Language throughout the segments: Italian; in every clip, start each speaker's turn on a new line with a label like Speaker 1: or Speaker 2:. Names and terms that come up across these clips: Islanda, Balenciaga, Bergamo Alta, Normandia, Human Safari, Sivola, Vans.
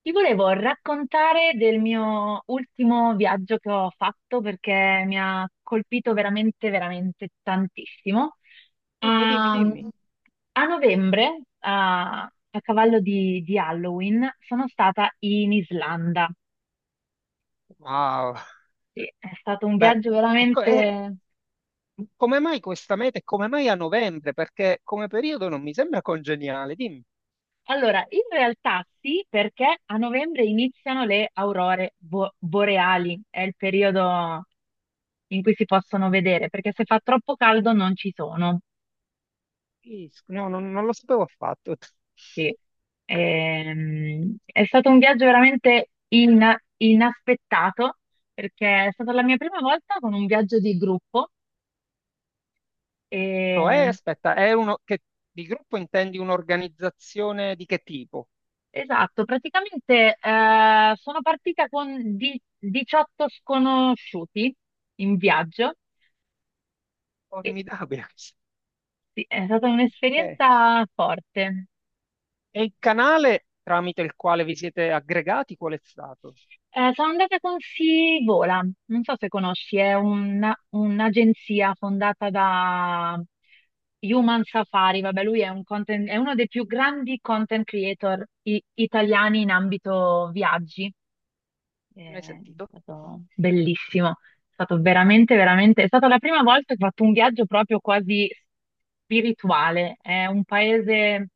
Speaker 1: Ti volevo raccontare del mio ultimo viaggio che ho fatto perché mi ha colpito veramente, veramente tantissimo.
Speaker 2: Dimmi, dimmi,
Speaker 1: A,
Speaker 2: dimmi.
Speaker 1: a novembre, a cavallo di Halloween, sono stata in Islanda.
Speaker 2: Wow.
Speaker 1: Sì, è stato un
Speaker 2: Beh,
Speaker 1: viaggio
Speaker 2: ecco,
Speaker 1: veramente...
Speaker 2: come mai questa meta e come mai a novembre? Perché come periodo non mi sembra congeniale. Dimmi.
Speaker 1: Allora, in realtà sì, perché a novembre iniziano le aurore boreali, è il periodo in cui si possono vedere, perché se fa troppo caldo non ci sono.
Speaker 2: Sì, no, non lo sapevo affatto.
Speaker 1: Sì. È stato un viaggio veramente inaspettato perché è stata la mia prima volta con un viaggio di gruppo.
Speaker 2: Cioè,
Speaker 1: E-
Speaker 2: aspetta, è uno che di gruppo intendi un'organizzazione di che tipo?
Speaker 1: esatto, praticamente sono partita con 18 sconosciuti in viaggio e
Speaker 2: Formidabile. questa.
Speaker 1: sì, è stata
Speaker 2: Ok.
Speaker 1: un'esperienza forte.
Speaker 2: E il canale tramite il quale vi siete aggregati, qual è stato?
Speaker 1: Sono andata con Sivola, non so se conosci, è un'agenzia fondata da Human Safari, vabbè, lui è, è uno dei più grandi content creator italiani in ambito viaggi.
Speaker 2: Ne hai
Speaker 1: È
Speaker 2: sentito?
Speaker 1: stato bellissimo, è stato veramente, veramente, è stata la prima volta che ho fatto un viaggio proprio quasi spirituale. È un paese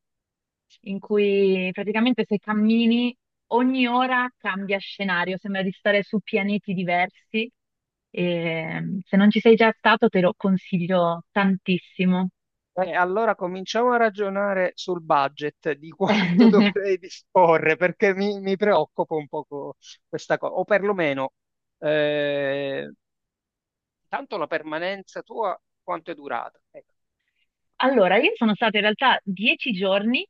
Speaker 1: in cui praticamente se cammini ogni ora cambia scenario, sembra di stare su pianeti diversi e se non ci sei già stato te lo consiglio tantissimo.
Speaker 2: Allora cominciamo a ragionare sul budget di quanto dovrei disporre, perché mi preoccupa un poco questa cosa, o perlomeno, eh, tanto la permanenza tua quanto è durata?
Speaker 1: Allora, io sono stata in realtà 10 giorni.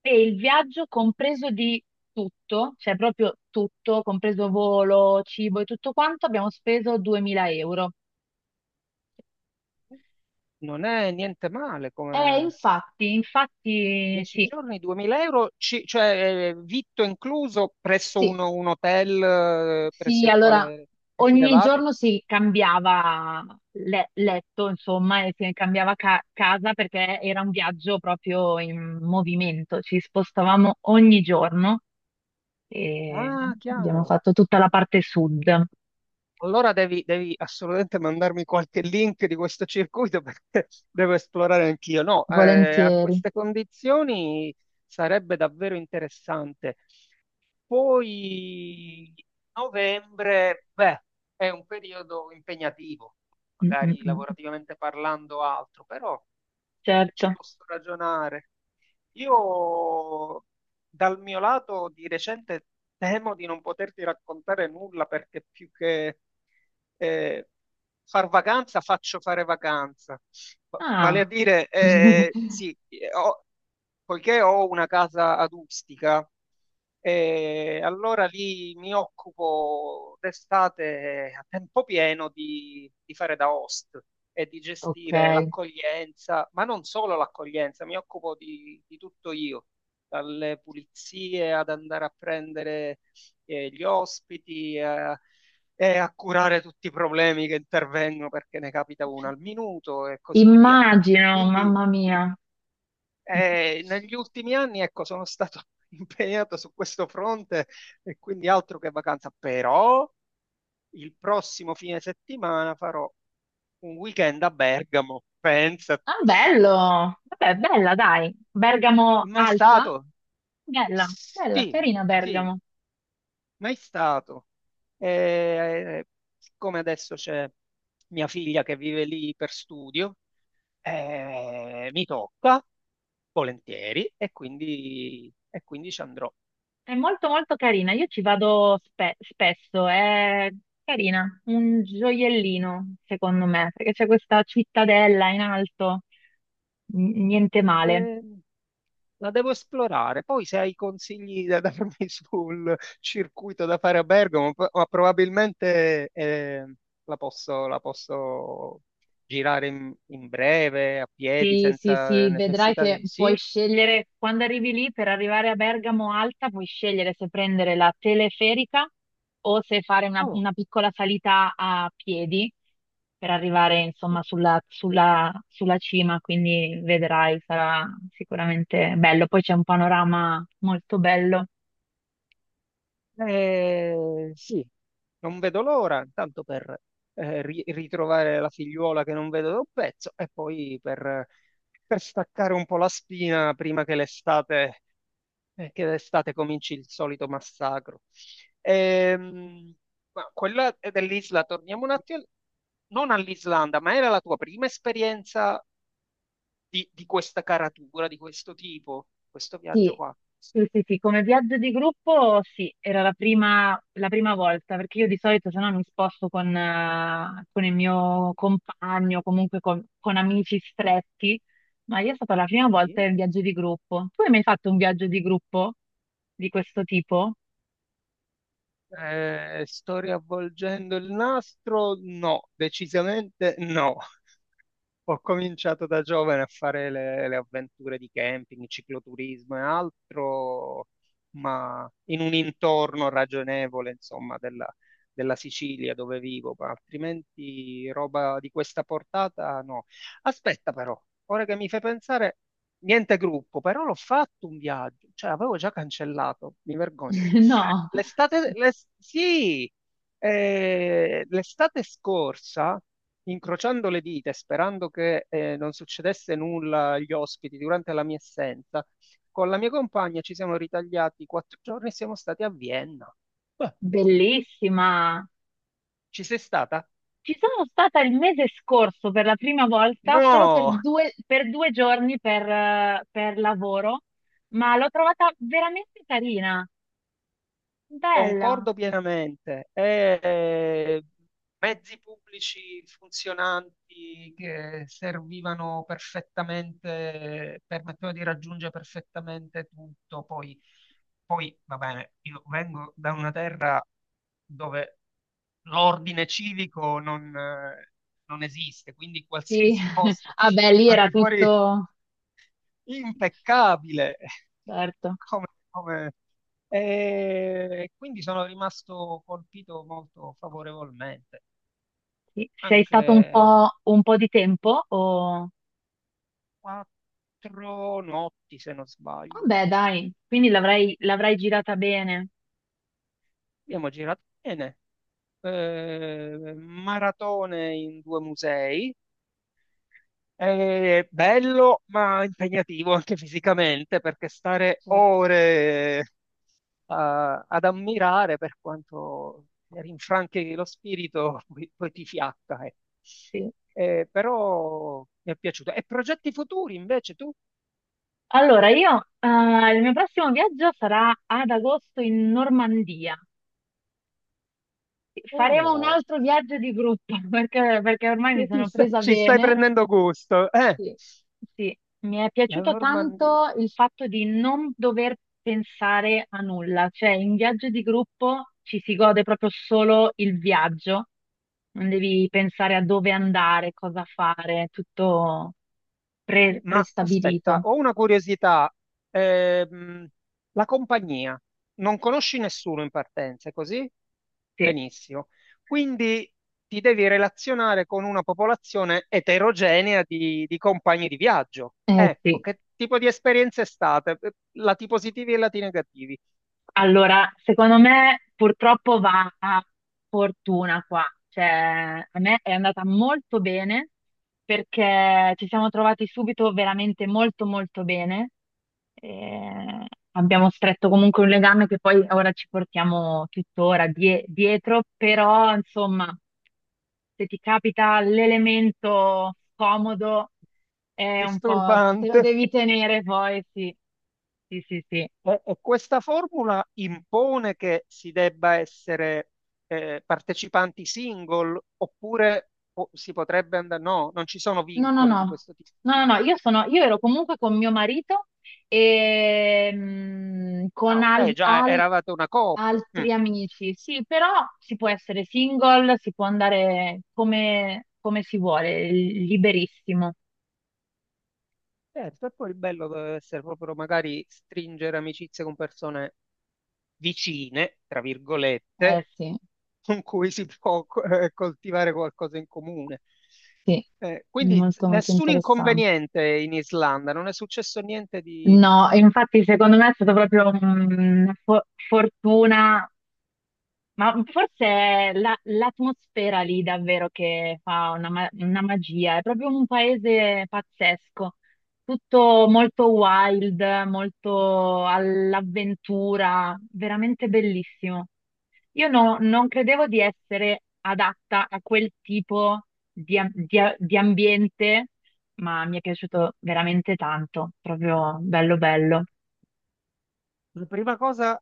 Speaker 1: E il viaggio compreso di tutto, cioè proprio tutto, compreso volo, cibo e tutto quanto, abbiamo speso 2000 euro.
Speaker 2: Non è niente male, come
Speaker 1: Infatti, infatti,
Speaker 2: 10
Speaker 1: sì,
Speaker 2: giorni, 2000 euro, cioè vitto incluso presso
Speaker 1: sì,
Speaker 2: un hotel presso
Speaker 1: sì,
Speaker 2: il
Speaker 1: allora
Speaker 2: quale
Speaker 1: ogni
Speaker 2: risiedevate?
Speaker 1: giorno si cambiava letto, insomma, e si cambiava casa perché era un viaggio proprio in movimento, ci spostavamo ogni giorno e
Speaker 2: Ah,
Speaker 1: abbiamo
Speaker 2: chiaro.
Speaker 1: fatto tutta la parte sud.
Speaker 2: Allora devi, devi assolutamente mandarmi qualche link di questo circuito perché devo esplorare anch'io. No, a
Speaker 1: Volentieri.
Speaker 2: queste condizioni sarebbe davvero interessante. Poi novembre, beh, è un periodo impegnativo,
Speaker 1: Mm, mm,
Speaker 2: magari
Speaker 1: mm.
Speaker 2: lavorativamente parlando altro, però ci
Speaker 1: Certo.
Speaker 2: posso ragionare. Io dal mio lato di recente temo di non poterti raccontare nulla perché più che eh, far vacanza faccio fare vacanza. Vale a
Speaker 1: Ah,
Speaker 2: dire, sì, poiché ho una casa adustica, e allora lì mi occupo d'estate a tempo pieno di fare da host e di gestire
Speaker 1: ok.
Speaker 2: l'accoglienza, ma non solo l'accoglienza, mi occupo di tutto io, dalle pulizie ad andare a prendere gli ospiti e a curare tutti i problemi che intervengono perché ne capita uno al minuto e così via.
Speaker 1: Immagino,
Speaker 2: Quindi
Speaker 1: mamma mia.
Speaker 2: negli ultimi anni, ecco, sono stato impegnato su questo fronte e quindi altro che vacanza, però il prossimo fine settimana farò un weekend a Bergamo, pensa.
Speaker 1: Ah, bello. Vabbè, bella, dai. Bergamo
Speaker 2: Mai
Speaker 1: alta?
Speaker 2: stato?
Speaker 1: Bella, bella,
Speaker 2: Sì,
Speaker 1: carina
Speaker 2: sì,
Speaker 1: Bergamo.
Speaker 2: mai stato. Eh, siccome adesso c'è mia figlia che vive lì per studio, mi tocca volentieri e quindi ci andrò.
Speaker 1: È molto molto carina. Io ci vado spesso, è carina, un gioiellino, secondo me, perché c'è questa cittadella in alto, niente male.
Speaker 2: Eh, La devo esplorare. Poi se hai consigli da darmi sul circuito da fare a Bergamo, ma probabilmente la posso girare in, in breve, a piedi,
Speaker 1: Sì, sì,
Speaker 2: senza
Speaker 1: sì, vedrai
Speaker 2: necessità.
Speaker 1: che puoi
Speaker 2: Sì?
Speaker 1: scegliere, quando arrivi lì per arrivare a Bergamo Alta, puoi scegliere se prendere la teleferica o se fare
Speaker 2: Oh,
Speaker 1: una piccola salita a piedi per arrivare insomma
Speaker 2: sì.
Speaker 1: sulla cima, quindi vedrai, sarà sicuramente bello. Poi c'è un panorama molto bello.
Speaker 2: Sì. Non vedo l'ora, tanto per ritrovare la figliuola che non vedo da un pezzo e poi per staccare un po' la spina prima che l'estate che d'estate cominci il solito massacro. Ehm, ma quella è dell'Isla, torniamo un attimo, non all'Islanda, ma era la tua prima esperienza di questa caratura, di questo tipo, questo viaggio
Speaker 1: Sì,
Speaker 2: qua?
Speaker 1: sì, sì, sì, come viaggio di gruppo sì, era la prima volta, perché io di solito se no mi sposto con il mio compagno, comunque con amici stretti, ma io è stata la prima volta
Speaker 2: Sì.
Speaker 1: in viaggio di gruppo. Tu hai mai fatto un viaggio di gruppo di questo tipo?
Speaker 2: Sto riavvolgendo il nastro? No, decisamente no. Ho cominciato da giovane a fare le avventure di camping, cicloturismo e altro, ma in un intorno ragionevole, insomma, della, della Sicilia dove vivo, ma altrimenti roba di questa portata no. Aspetta però, ora che mi fai pensare, niente gruppo, però l'ho fatto un viaggio, cioè avevo già cancellato, mi vergogno.
Speaker 1: No,
Speaker 2: Sì, l'estate scorsa incrociando le dita e sperando che non succedesse nulla agli ospiti durante la mia assenza, con la mia compagna ci siamo ritagliati quattro giorni e siamo stati a Vienna. Beh,
Speaker 1: bellissima!
Speaker 2: ci sei stata?
Speaker 1: Ci sono stata il mese scorso per la prima volta, solo
Speaker 2: No,
Speaker 1: per due giorni per lavoro, ma l'ho trovata veramente carina, bella.
Speaker 2: concordo pienamente. Mezzi pubblici funzionanti che servivano perfettamente, permettevano di raggiungere perfettamente tutto. Poi, poi va bene, io vengo da una terra dove l'ordine civico non, non esiste, quindi
Speaker 1: Sì,
Speaker 2: qualsiasi posto
Speaker 1: vabbè, lì
Speaker 2: al
Speaker 1: era
Speaker 2: di fuori
Speaker 1: tutto,
Speaker 2: impeccabile.
Speaker 1: certo.
Speaker 2: Come, come- e quindi sono rimasto colpito molto favorevolmente.
Speaker 1: Sì. Sei
Speaker 2: Anche
Speaker 1: stato un po' di tempo o...
Speaker 2: quattro notti, se non sbaglio.
Speaker 1: Vabbè, dai, quindi l'avrai girata bene.
Speaker 2: Abbiamo girato bene. Maratone in due musei. È bello ma impegnativo anche fisicamente perché stare
Speaker 1: Certo,
Speaker 2: ore ad ammirare per quanto rinfranchi lo spirito poi, poi ti fiacca.
Speaker 1: sì.
Speaker 2: Però mi è piaciuto. E progetti futuri invece tu?
Speaker 1: Allora, io, il mio prossimo viaggio sarà ad agosto in Normandia. Faremo un
Speaker 2: Oh,
Speaker 1: altro viaggio di gruppo perché ormai mi sono presa
Speaker 2: ci stai
Speaker 1: bene.
Speaker 2: prendendo gusto.
Speaker 1: Sì. Sì, mi è
Speaker 2: La
Speaker 1: piaciuto
Speaker 2: Normandia.
Speaker 1: tanto il fatto di non dover pensare a nulla, cioè in viaggio di gruppo ci si gode proprio solo il viaggio, non devi pensare a dove andare, cosa fare, tutto
Speaker 2: Sì, ma aspetta,
Speaker 1: prestabilito.
Speaker 2: ho una curiosità. Ehm, la compagnia, non conosci nessuno in partenza, è così?
Speaker 1: Sì,
Speaker 2: Benissimo. Quindi ti devi relazionare con una popolazione eterogenea di compagni di viaggio. Ecco,
Speaker 1: sì.
Speaker 2: che tipo di esperienze è stata? Lati positivi e lati negativi.
Speaker 1: Allora, secondo me purtroppo va a fortuna qua, cioè a me è andata molto bene perché ci siamo trovati subito veramente molto molto bene, e abbiamo stretto comunque un legame che poi ora ci portiamo tuttora dietro, però insomma se ti capita l'elemento scomodo è un po' te lo
Speaker 2: Disturbante.
Speaker 1: devi tenere poi, sì, sì, sì, sì.
Speaker 2: E questa formula impone che si debba essere partecipanti single oppure si potrebbe andare... No, non ci sono
Speaker 1: No, no,
Speaker 2: vincoli di
Speaker 1: no,
Speaker 2: questo tipo.
Speaker 1: no, no, no, io sono, io ero comunque con mio marito e
Speaker 2: Ah,
Speaker 1: con
Speaker 2: ok, già eravate una coppia. Mm.
Speaker 1: altri amici, sì, però si può essere single, si può andare come, come si vuole, liberissimo.
Speaker 2: Certo, e poi il bello deve essere proprio magari stringere amicizie con persone vicine, tra
Speaker 1: Eh
Speaker 2: virgolette,
Speaker 1: sì,
Speaker 2: con cui si può coltivare qualcosa in comune.
Speaker 1: sì,
Speaker 2: Quindi
Speaker 1: molto molto
Speaker 2: nessun
Speaker 1: interessante.
Speaker 2: inconveniente in Islanda, non è successo niente di...
Speaker 1: No, infatti secondo me è stata proprio una fortuna. Ma forse è l'atmosfera lì davvero che fa una, una magia, è proprio un paese pazzesco, tutto molto wild, molto all'avventura, veramente bellissimo. Io non credevo di essere adatta a quel tipo di, di ambiente, ma mi è piaciuto veramente tanto, proprio bello bello.
Speaker 2: La prima cosa,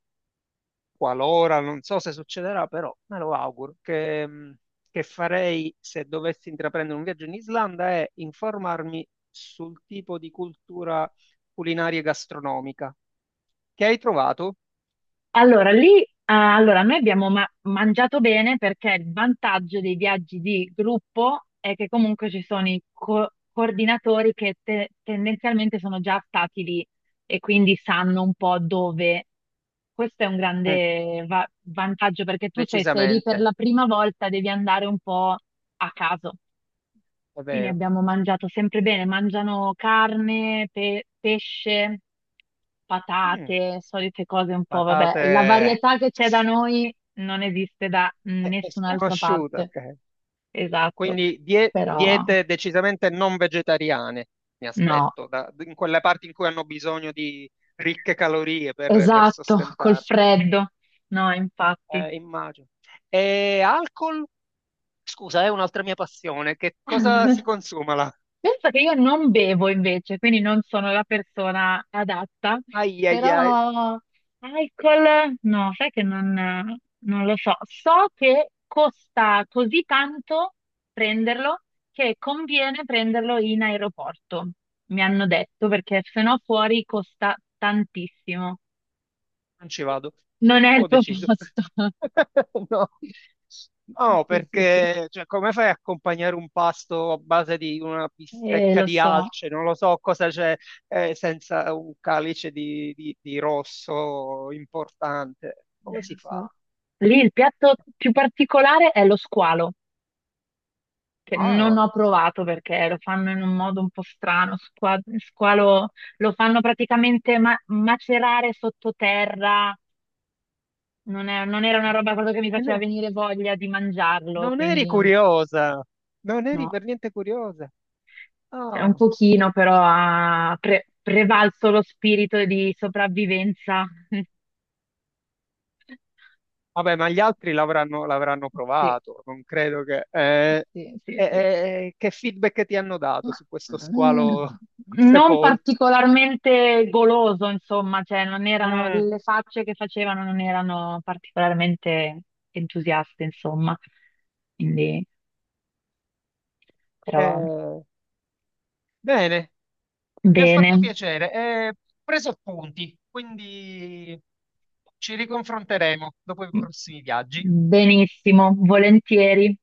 Speaker 2: qualora, non so se succederà, però me lo auguro, che farei se dovessi intraprendere un viaggio in Islanda è informarmi sul tipo di cultura culinaria e gastronomica che hai trovato.
Speaker 1: Allora, lì, allora, noi abbiamo mangiato bene perché il vantaggio dei viaggi di gruppo è che comunque ci sono i coordinatori che tendenzialmente sono già stati lì e quindi sanno un po' dove. Questo è un
Speaker 2: Mm,
Speaker 1: grande vantaggio perché tu se sei lì per
Speaker 2: decisamente,
Speaker 1: la prima volta devi andare un po' a caso.
Speaker 2: è
Speaker 1: Quindi
Speaker 2: vero.
Speaker 1: abbiamo mangiato sempre bene, mangiano carne, pesce,
Speaker 2: Mm,
Speaker 1: patate, solite cose un po', vabbè,
Speaker 2: patate
Speaker 1: la varietà che c'è da noi non esiste da nessun'altra
Speaker 2: sconosciute,
Speaker 1: parte,
Speaker 2: ok.
Speaker 1: esatto,
Speaker 2: Quindi
Speaker 1: però
Speaker 2: diete decisamente non vegetariane, mi
Speaker 1: no,
Speaker 2: aspetto, in quelle parti in cui hanno bisogno di ricche calorie per
Speaker 1: esatto, col
Speaker 2: sostentarsi.
Speaker 1: freddo, no, infatti.
Speaker 2: Immagino. E alcol? Scusa, è un'altra mia passione. Che cosa si consuma là?
Speaker 1: Penso che io non bevo invece, quindi non sono la persona adatta,
Speaker 2: Ai ai ai,
Speaker 1: però alcol no, sai che non, non lo so. So che costa così tanto prenderlo che conviene prenderlo in aeroporto, mi hanno detto, perché se no fuori costa tantissimo.
Speaker 2: non ci vado.
Speaker 1: Non è il
Speaker 2: Ho
Speaker 1: tuo
Speaker 2: deciso.
Speaker 1: posto.
Speaker 2: No. No,
Speaker 1: Sì, sì, sì.
Speaker 2: perché cioè, come fai a accompagnare un pasto a base di una bistecca
Speaker 1: Lo
Speaker 2: di
Speaker 1: so,
Speaker 2: alce? Non lo so cosa c'è senza un calice di, di rosso importante. Come si
Speaker 1: lo
Speaker 2: fa?
Speaker 1: so. Lì il piatto più particolare è lo squalo. Che non
Speaker 2: Ah,
Speaker 1: ho provato perché lo fanno in un modo un po' strano, squalo, lo fanno praticamente macerare sottoterra, non era una roba proprio che mi faceva
Speaker 2: no,
Speaker 1: venire voglia di mangiarlo,
Speaker 2: non eri
Speaker 1: quindi non-
Speaker 2: curiosa, non eri
Speaker 1: no,
Speaker 2: per niente curiosa.
Speaker 1: cioè, un
Speaker 2: Ah.
Speaker 1: pochino però ha prevalso lo spirito di sopravvivenza.
Speaker 2: Vabbè, ma gli altri l'avranno l'avranno
Speaker 1: Sì,
Speaker 2: provato, non credo
Speaker 1: sì. Sì,
Speaker 2: eh,
Speaker 1: sì.
Speaker 2: eh, che feedback ti hanno dato
Speaker 1: Ma,
Speaker 2: su questo
Speaker 1: mm,
Speaker 2: squalo
Speaker 1: non
Speaker 2: sepolto?
Speaker 1: particolarmente goloso, insomma, cioè non erano,
Speaker 2: Mm.
Speaker 1: le facce che facevano non erano particolarmente entusiaste, insomma. Quindi, però,
Speaker 2: Eh, bene, mi ha fatto
Speaker 1: bene,
Speaker 2: piacere. Ho preso appunti, quindi ci riconfronteremo dopo i prossimi viaggi.
Speaker 1: benissimo, volentieri.